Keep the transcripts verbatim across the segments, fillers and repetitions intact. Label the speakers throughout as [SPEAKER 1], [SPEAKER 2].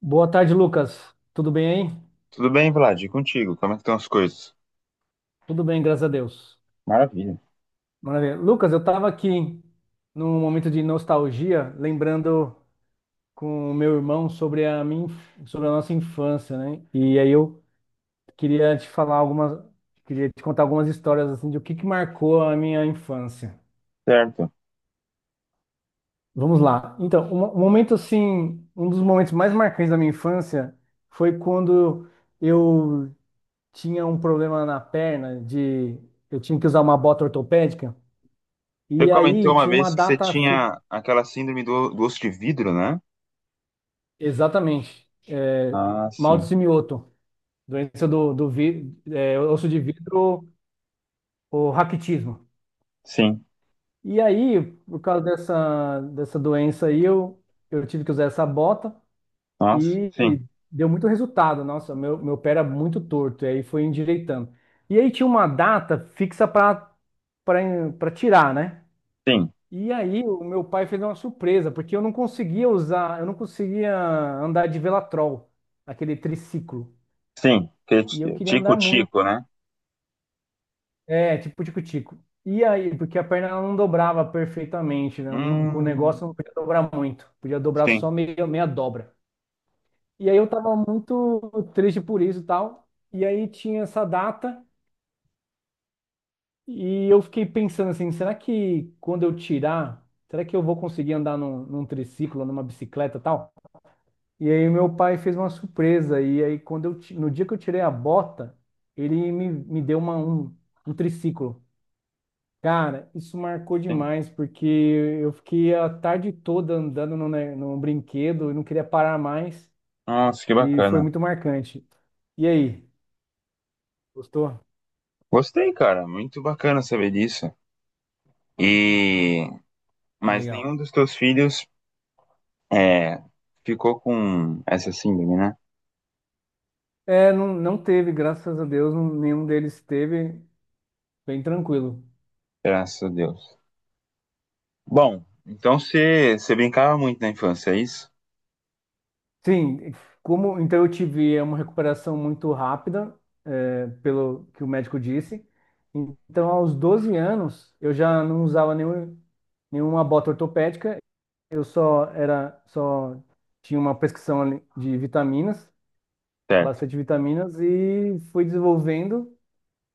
[SPEAKER 1] Boa tarde, Lucas. Tudo bem aí?
[SPEAKER 2] Tudo bem, Vlad? E contigo? Como é que estão as coisas?
[SPEAKER 1] Tudo bem, graças a Deus.
[SPEAKER 2] Maravilha.
[SPEAKER 1] Maravilha. Lucas, eu estava aqui num momento de nostalgia, lembrando com o meu irmão sobre a minha, inf- sobre a nossa infância, né? E aí eu queria te falar algumas, queria te contar algumas histórias assim de o que que marcou a minha infância.
[SPEAKER 2] Certo.
[SPEAKER 1] Vamos lá. Então, um um momento assim, um dos momentos mais marcantes da minha infância foi quando eu tinha um problema na perna de eu tinha que usar uma bota ortopédica.
[SPEAKER 2] Você
[SPEAKER 1] E
[SPEAKER 2] comentou
[SPEAKER 1] aí
[SPEAKER 2] uma
[SPEAKER 1] tinha uma
[SPEAKER 2] vez que você
[SPEAKER 1] data. fi-
[SPEAKER 2] tinha aquela síndrome do, do osso de vidro, né?
[SPEAKER 1] Exatamente. É,
[SPEAKER 2] Ah,
[SPEAKER 1] mal de
[SPEAKER 2] sim.
[SPEAKER 1] Simioto, doença do, do vi- é, osso de vidro, o raquitismo.
[SPEAKER 2] Sim.
[SPEAKER 1] E aí, por causa dessa, dessa doença aí, eu, eu tive que usar essa bota
[SPEAKER 2] Nossa. Sim,
[SPEAKER 1] e deu muito resultado. Nossa, meu, meu pé era muito torto, e aí foi endireitando. E aí tinha uma data fixa para para tirar, né?
[SPEAKER 2] sim,
[SPEAKER 1] E aí o meu pai fez uma surpresa, porque eu não conseguia usar, eu não conseguia andar de Velatrol, aquele triciclo.
[SPEAKER 2] sim. Que é
[SPEAKER 1] E eu
[SPEAKER 2] ti-
[SPEAKER 1] queria andar muito.
[SPEAKER 2] tico-tico, né?
[SPEAKER 1] É, tipo tico-tico. E aí, porque a perna ela não dobrava perfeitamente, né? Com o
[SPEAKER 2] Hum,
[SPEAKER 1] negócio eu não podia dobrar muito, podia dobrar
[SPEAKER 2] sim,
[SPEAKER 1] só meia, meia dobra. E aí eu tava muito triste por isso e tal. E aí tinha essa data e eu fiquei pensando assim, será que quando eu tirar, será que eu vou conseguir andar num, num triciclo, numa bicicleta e tal? E aí meu pai fez uma surpresa e aí quando eu ti- no dia que eu tirei a bota, ele me, me deu uma, um, um triciclo. Cara, isso marcou
[SPEAKER 2] sim.
[SPEAKER 1] demais porque eu fiquei a tarde toda andando no, ne- no brinquedo e não queria parar mais
[SPEAKER 2] Nossa, que
[SPEAKER 1] e foi
[SPEAKER 2] bacana.
[SPEAKER 1] muito marcante. E aí, gostou?
[SPEAKER 2] Gostei, cara. Muito bacana saber disso. E... Mas
[SPEAKER 1] Legal.
[SPEAKER 2] nenhum dos teus filhos é, ficou com essa síndrome, né?
[SPEAKER 1] É, não, não teve, graças a Deus, não- nenhum deles teve, bem tranquilo.
[SPEAKER 2] Graças a Deus. Bom, então você você brincava muito na infância, é isso?
[SPEAKER 1] Sim, como então eu tive é, uma recuperação muito rápida, é, pelo que o médico disse. Então, aos doze anos, eu já não usava nenhum, nenhuma bota ortopédica, eu só era só tinha uma prescrição ali de vitaminas,
[SPEAKER 2] Certo.
[SPEAKER 1] bastante vitaminas e fui desenvolvendo,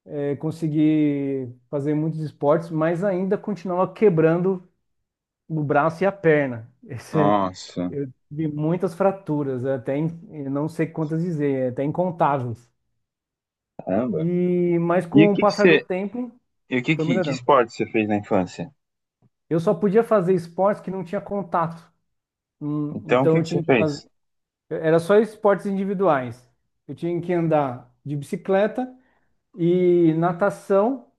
[SPEAKER 1] é, consegui fazer muitos esportes, mas ainda continuava quebrando o braço e a perna. Esse,
[SPEAKER 2] Nossa,
[SPEAKER 1] eu tive muitas fraturas, é até in- eu não sei quantas dizer, é até incontáveis.
[SPEAKER 2] caramba.
[SPEAKER 1] E mas
[SPEAKER 2] E o
[SPEAKER 1] com o
[SPEAKER 2] que que
[SPEAKER 1] passar do
[SPEAKER 2] você,
[SPEAKER 1] tempo
[SPEAKER 2] e o que
[SPEAKER 1] foi
[SPEAKER 2] que, que
[SPEAKER 1] melhorando.
[SPEAKER 2] esporte você fez na infância?
[SPEAKER 1] Eu só podia fazer esportes que não tinha contato. Hum,
[SPEAKER 2] Então, o
[SPEAKER 1] Então
[SPEAKER 2] que
[SPEAKER 1] eu
[SPEAKER 2] que você
[SPEAKER 1] tinha que
[SPEAKER 2] fez?
[SPEAKER 1] fazer, era só esportes individuais. Eu tinha que andar de bicicleta e natação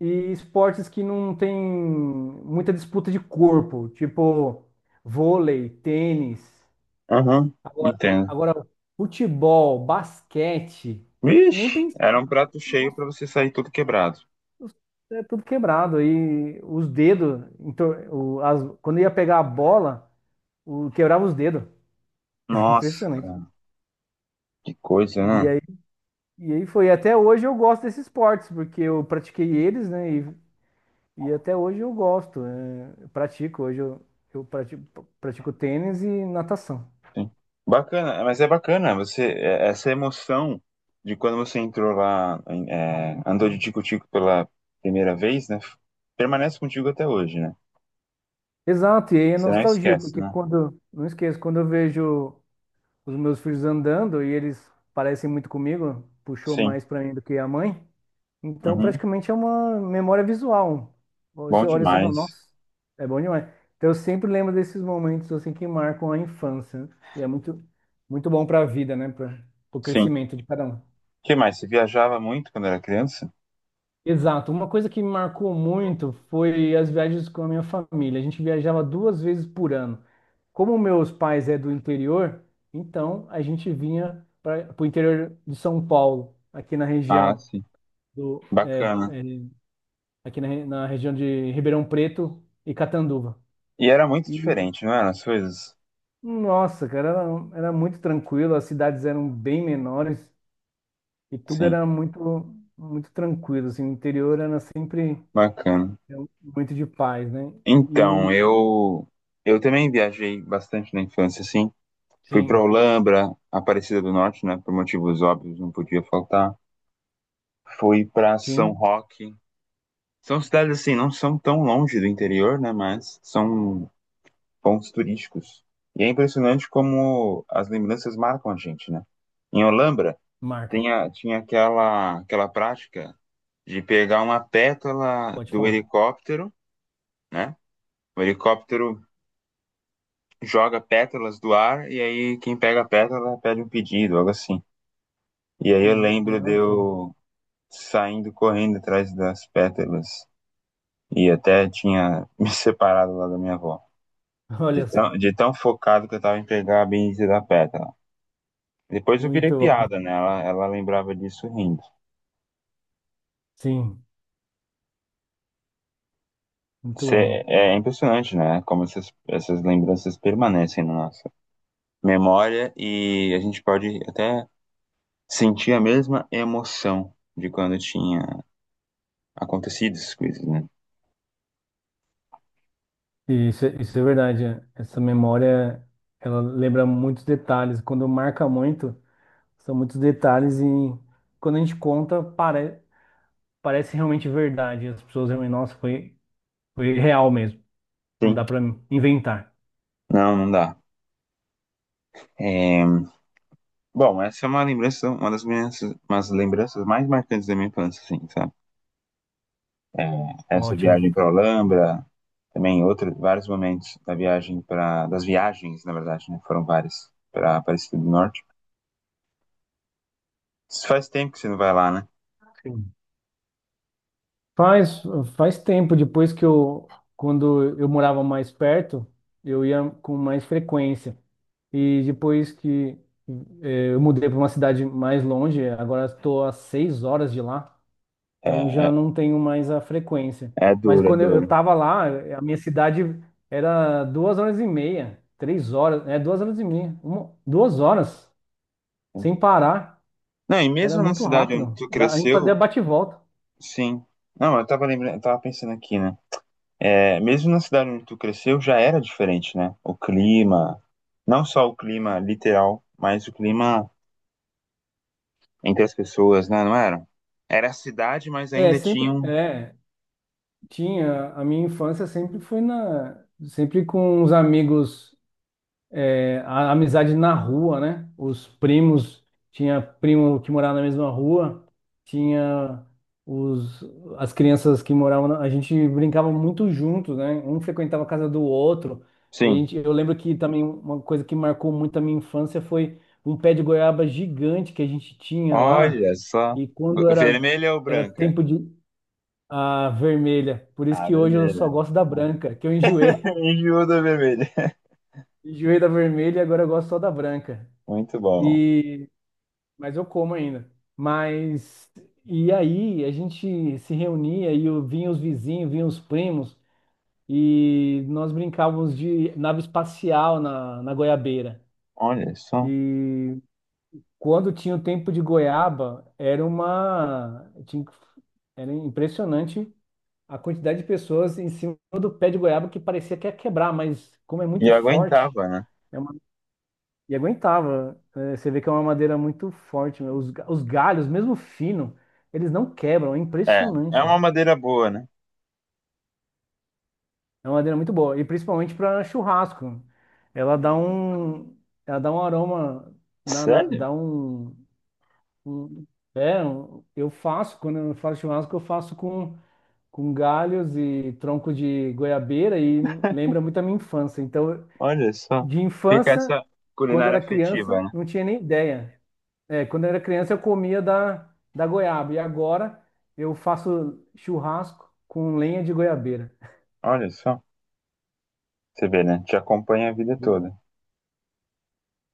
[SPEAKER 1] e esportes que não tem muita disputa de corpo, tipo vôlei, tênis.
[SPEAKER 2] Aham,
[SPEAKER 1] Agora,
[SPEAKER 2] entendo.
[SPEAKER 1] agora, futebol, basquete, nem
[SPEAKER 2] Vixe, era um
[SPEAKER 1] pensar.
[SPEAKER 2] prato cheio pra
[SPEAKER 1] Nossa,
[SPEAKER 2] você sair todo quebrado.
[SPEAKER 1] é tudo quebrado. Aí os dedos, então, o- as- quando ia pegar a bola, o, quebrava os dedos.
[SPEAKER 2] Nossa,
[SPEAKER 1] Impressionante.
[SPEAKER 2] cara, que coisa,
[SPEAKER 1] E
[SPEAKER 2] né?
[SPEAKER 1] aí, e aí foi. Até hoje eu gosto desses esportes, porque eu pratiquei eles, né? E, e até hoje eu gosto. É, eu pratico. Hoje eu, eu pratico, pratico tênis e natação.
[SPEAKER 2] Sim. Bacana, mas é bacana você é- essa emoção de quando você entrou lá, em- é, andou de tico-tico pela primeira vez, né? Permanece contigo até hoje, né?
[SPEAKER 1] Exato, e aí é
[SPEAKER 2] Você não
[SPEAKER 1] nostalgia,
[SPEAKER 2] esquece,
[SPEAKER 1] porque
[SPEAKER 2] né?
[SPEAKER 1] quando, não esqueço, quando eu vejo os meus filhos andando e eles parecem muito comigo, puxou
[SPEAKER 2] Sim.
[SPEAKER 1] mais pra mim do que a mãe. Então,
[SPEAKER 2] Uhum,
[SPEAKER 1] praticamente é uma memória visual.
[SPEAKER 2] bom
[SPEAKER 1] Você olha e você fala,
[SPEAKER 2] demais.
[SPEAKER 1] nossa, é bom demais. Então, eu sempre lembro desses momentos assim que marcam a infância. E é muito, muito bom para a vida, né? Para o
[SPEAKER 2] Sim. O
[SPEAKER 1] crescimento de cada um.
[SPEAKER 2] que mais? Você viajava muito quando era criança?
[SPEAKER 1] Exato. Uma coisa que me marcou muito foi as viagens com a minha família. A gente viajava duas vezes por ano. Como meus pais é do interior, então a gente vinha para o interior de São Paulo, aqui na
[SPEAKER 2] Ah,
[SPEAKER 1] região
[SPEAKER 2] sim.
[SPEAKER 1] do é,
[SPEAKER 2] Bacana.
[SPEAKER 1] é, aqui na, re- na região de Ribeirão Preto e Catanduva.
[SPEAKER 2] E era muito
[SPEAKER 1] E
[SPEAKER 2] diferente, não era? As coisas?
[SPEAKER 1] nossa, cara, era, era muito tranquilo. As cidades eram bem menores e tudo
[SPEAKER 2] Sim,
[SPEAKER 1] era muito muito tranquilo. Assim, o interior era sempre
[SPEAKER 2] bacana.
[SPEAKER 1] é um muito de paz, né? E
[SPEAKER 2] Então, eu eu também viajei bastante na infância, assim. Fui pra
[SPEAKER 1] sim,
[SPEAKER 2] Olambra, Aparecida do Norte, né? Por motivos óbvios, não podia faltar. Fui pra São
[SPEAKER 1] sim,
[SPEAKER 2] Roque. São cidades assim, não são tão longe do interior, né? Mas são pontos turísticos. E é impressionante como as lembranças marcam a gente, né? Em Olambra,
[SPEAKER 1] marca.
[SPEAKER 2] tinha, tinha aquela, aquela prática de pegar uma pétala
[SPEAKER 1] Pode
[SPEAKER 2] do
[SPEAKER 1] falar.
[SPEAKER 2] helicóptero, né? O helicóptero joga pétalas do ar e aí quem pega a pétala pede um pedido, algo assim. E aí eu
[SPEAKER 1] Hum,
[SPEAKER 2] lembro de
[SPEAKER 1] ah, sim.
[SPEAKER 2] eu saindo correndo atrás das pétalas e até tinha me separado lá da minha avó. De
[SPEAKER 1] Olha só,
[SPEAKER 2] tão, de tão focado que eu tava em pegar a bendita da pétala. Depois eu virei
[SPEAKER 1] muito bom.
[SPEAKER 2] piada, né? Ela, ela lembrava disso rindo.
[SPEAKER 1] Sim, muito
[SPEAKER 2] Cê-
[SPEAKER 1] bom.
[SPEAKER 2] é é impressionante, né? Como essas, essas lembranças permanecem na nossa memória e a gente pode até sentir a mesma emoção de quando tinha acontecido essas coisas, né?
[SPEAKER 1] E isso, é- isso é verdade. É. Essa memória, ela lembra muitos detalhes. Quando marca muito, são muitos detalhes e quando a gente conta, pare, parece realmente verdade. As pessoas realmente, nossa, foi, foi real mesmo. Não dá
[SPEAKER 2] Sim.
[SPEAKER 1] para inventar.
[SPEAKER 2] Não, não dá. É, bom, essa é uma lembrança, uma das minhas, umas lembranças mais marcantes da minha infância, assim, sabe? Essa
[SPEAKER 1] Ótimo.
[SPEAKER 2] viagem para Alhambra, também em outro, vários momentos da viagem para das viagens, na verdade, né? Foram várias para Aparecida do Norte. Faz tempo que você não vai lá, né?
[SPEAKER 1] Faz, faz tempo, depois que eu, quando eu morava mais perto, eu ia com mais frequência. E depois que eh, eu mudei para uma cidade mais longe, agora estou a seis horas de lá, então
[SPEAKER 2] É,
[SPEAKER 1] já
[SPEAKER 2] é,
[SPEAKER 1] não tenho mais a frequência.
[SPEAKER 2] é
[SPEAKER 1] Mas
[SPEAKER 2] duro, é
[SPEAKER 1] quando eu
[SPEAKER 2] duro.
[SPEAKER 1] estava lá, a minha cidade era duas horas e meia, três horas, é duas horas e meia, uma- duas horas, sem parar.
[SPEAKER 2] Não, e
[SPEAKER 1] Era
[SPEAKER 2] mesmo na
[SPEAKER 1] muito
[SPEAKER 2] cidade onde
[SPEAKER 1] rápido.
[SPEAKER 2] tu
[SPEAKER 1] Da- A gente fazia
[SPEAKER 2] cresceu,
[SPEAKER 1] bate e volta.
[SPEAKER 2] sim. Não, eu tava lembrando, eu tava pensando aqui, né? É, mesmo na cidade onde tu cresceu, já era diferente, né? O clima, não só o clima literal, mas o clima entre as pessoas, né? Não era? Era a cidade, mas
[SPEAKER 1] É,
[SPEAKER 2] ainda
[SPEAKER 1] sempre.
[SPEAKER 2] tinham.
[SPEAKER 1] É. Tinha, a minha infância sempre foi na, sempre com os amigos, é, a amizade na rua, né? Os primos, tinha primo que morava na mesma rua, tinha os, as crianças que moravam, na- a gente brincava muito juntos, né? Um frequentava a casa do outro, e a
[SPEAKER 2] Sim.
[SPEAKER 1] gente, eu lembro que também uma coisa que marcou muito a minha infância foi um pé de goiaba gigante que a gente tinha lá,
[SPEAKER 2] Olha só.
[SPEAKER 1] e
[SPEAKER 2] Go-
[SPEAKER 1] quando era,
[SPEAKER 2] Vermelha ou
[SPEAKER 1] era
[SPEAKER 2] branca?
[SPEAKER 1] tempo de a vermelha. Por
[SPEAKER 2] A
[SPEAKER 1] isso que hoje eu só
[SPEAKER 2] vermelha.
[SPEAKER 1] gosto da branca, que eu enjoei.
[SPEAKER 2] Enjoou da vermelha.
[SPEAKER 1] Enjoei da vermelha e agora eu gosto só da branca.
[SPEAKER 2] Muito bom.
[SPEAKER 1] E mas eu como ainda. Mas e aí a gente se reunia e eu vinha os vizinhos, vinha os primos e nós brincávamos de nave espacial na, na goiabeira.
[SPEAKER 2] Olha só.
[SPEAKER 1] E quando tinha o tempo de goiaba, era uma tinha que- era impressionante a quantidade de pessoas em cima do pé de goiaba que parecia que ia quebrar, mas como é
[SPEAKER 2] E
[SPEAKER 1] muito forte,
[SPEAKER 2] aguentava, né?
[SPEAKER 1] é uma- e aguentava. É, você vê que é uma madeira muito forte. Meu. Os, ga- os galhos, mesmo fino, eles não quebram, é
[SPEAKER 2] É, é
[SPEAKER 1] impressionante.
[SPEAKER 2] uma madeira boa, né?
[SPEAKER 1] É uma madeira muito boa, e principalmente para churrasco. Ela dá um, ela dá um aroma, na, na-
[SPEAKER 2] Sério?
[SPEAKER 1] dá um, um- é, um- eu faço, quando eu faço churrasco, eu faço com com galhos e tronco de goiabeira e lembra muito a minha infância. Então
[SPEAKER 2] Olha só.
[SPEAKER 1] de
[SPEAKER 2] Fica
[SPEAKER 1] infância,
[SPEAKER 2] essa
[SPEAKER 1] quando
[SPEAKER 2] culinária
[SPEAKER 1] era criança,
[SPEAKER 2] afetiva, né?
[SPEAKER 1] não tinha nem ideia. É, quando eu era criança, eu comia da, da goiaba. E agora eu faço churrasco com lenha de goiabeira.
[SPEAKER 2] Olha só. Você vê, né? Te acompanha a vida toda.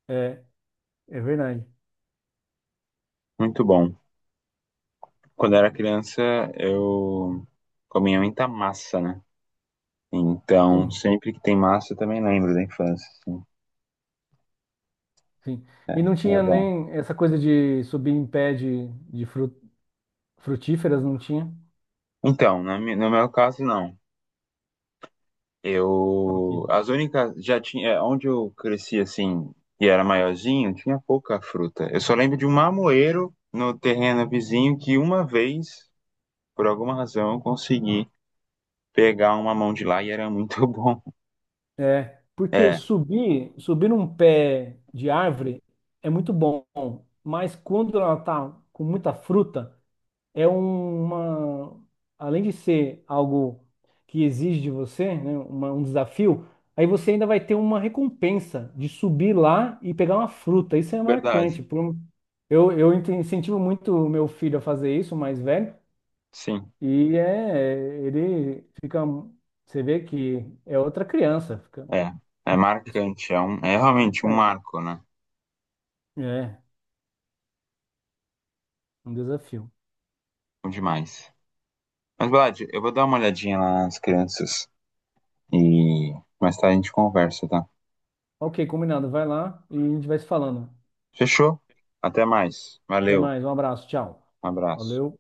[SPEAKER 1] É, é verdade.
[SPEAKER 2] Muito bom. Quando eu era criança, eu comia muita massa, né? Então,
[SPEAKER 1] Sim,
[SPEAKER 2] sempre que tem massa, eu também lembro da infância, assim.
[SPEAKER 1] sim. E não
[SPEAKER 2] Era
[SPEAKER 1] tinha
[SPEAKER 2] bom.
[SPEAKER 1] nem essa coisa de subir em pé de, de fru- frutíferas, não tinha.
[SPEAKER 2] Então, na mi- no meu caso, não.
[SPEAKER 1] Ok.
[SPEAKER 2] Eu, as únicas, já tinha, é, onde eu cresci assim, e era maiorzinho, tinha pouca fruta. Eu só lembro de um mamoeiro no terreno vizinho que uma vez, por alguma razão, eu consegui pegar uma mão de lá e era muito bom.
[SPEAKER 1] É, porque
[SPEAKER 2] É,
[SPEAKER 1] subir, subir num pé de árvore é muito bom, mas quando ela tá com muita fruta, é um- uma, além de ser algo que exige de você, né, uma- um desafio, aí você ainda vai ter uma recompensa de subir lá e pegar uma fruta. Isso é
[SPEAKER 2] verdade.
[SPEAKER 1] marcante. por um- Eu, eu ent- incentivo muito o meu filho a fazer isso, o mais velho,
[SPEAKER 2] Sim,
[SPEAKER 1] e é, ele fica, você vê que é outra criança, fica,
[SPEAKER 2] é. É
[SPEAKER 1] isso
[SPEAKER 2] marcante, é, um, é
[SPEAKER 1] é
[SPEAKER 2] realmente um
[SPEAKER 1] marcante.
[SPEAKER 2] marco, né?
[SPEAKER 1] É, um desafio.
[SPEAKER 2] Bom demais. Mas, Vlad, eu vou dar uma olhadinha lá nas crianças e mais tarde a gente conversa, tá?
[SPEAKER 1] Ok, combinado. Vai lá e a gente vai se falando.
[SPEAKER 2] Fechou? Até mais.
[SPEAKER 1] Até
[SPEAKER 2] Valeu.
[SPEAKER 1] mais, um abraço, tchau.
[SPEAKER 2] Um abraço.
[SPEAKER 1] Valeu.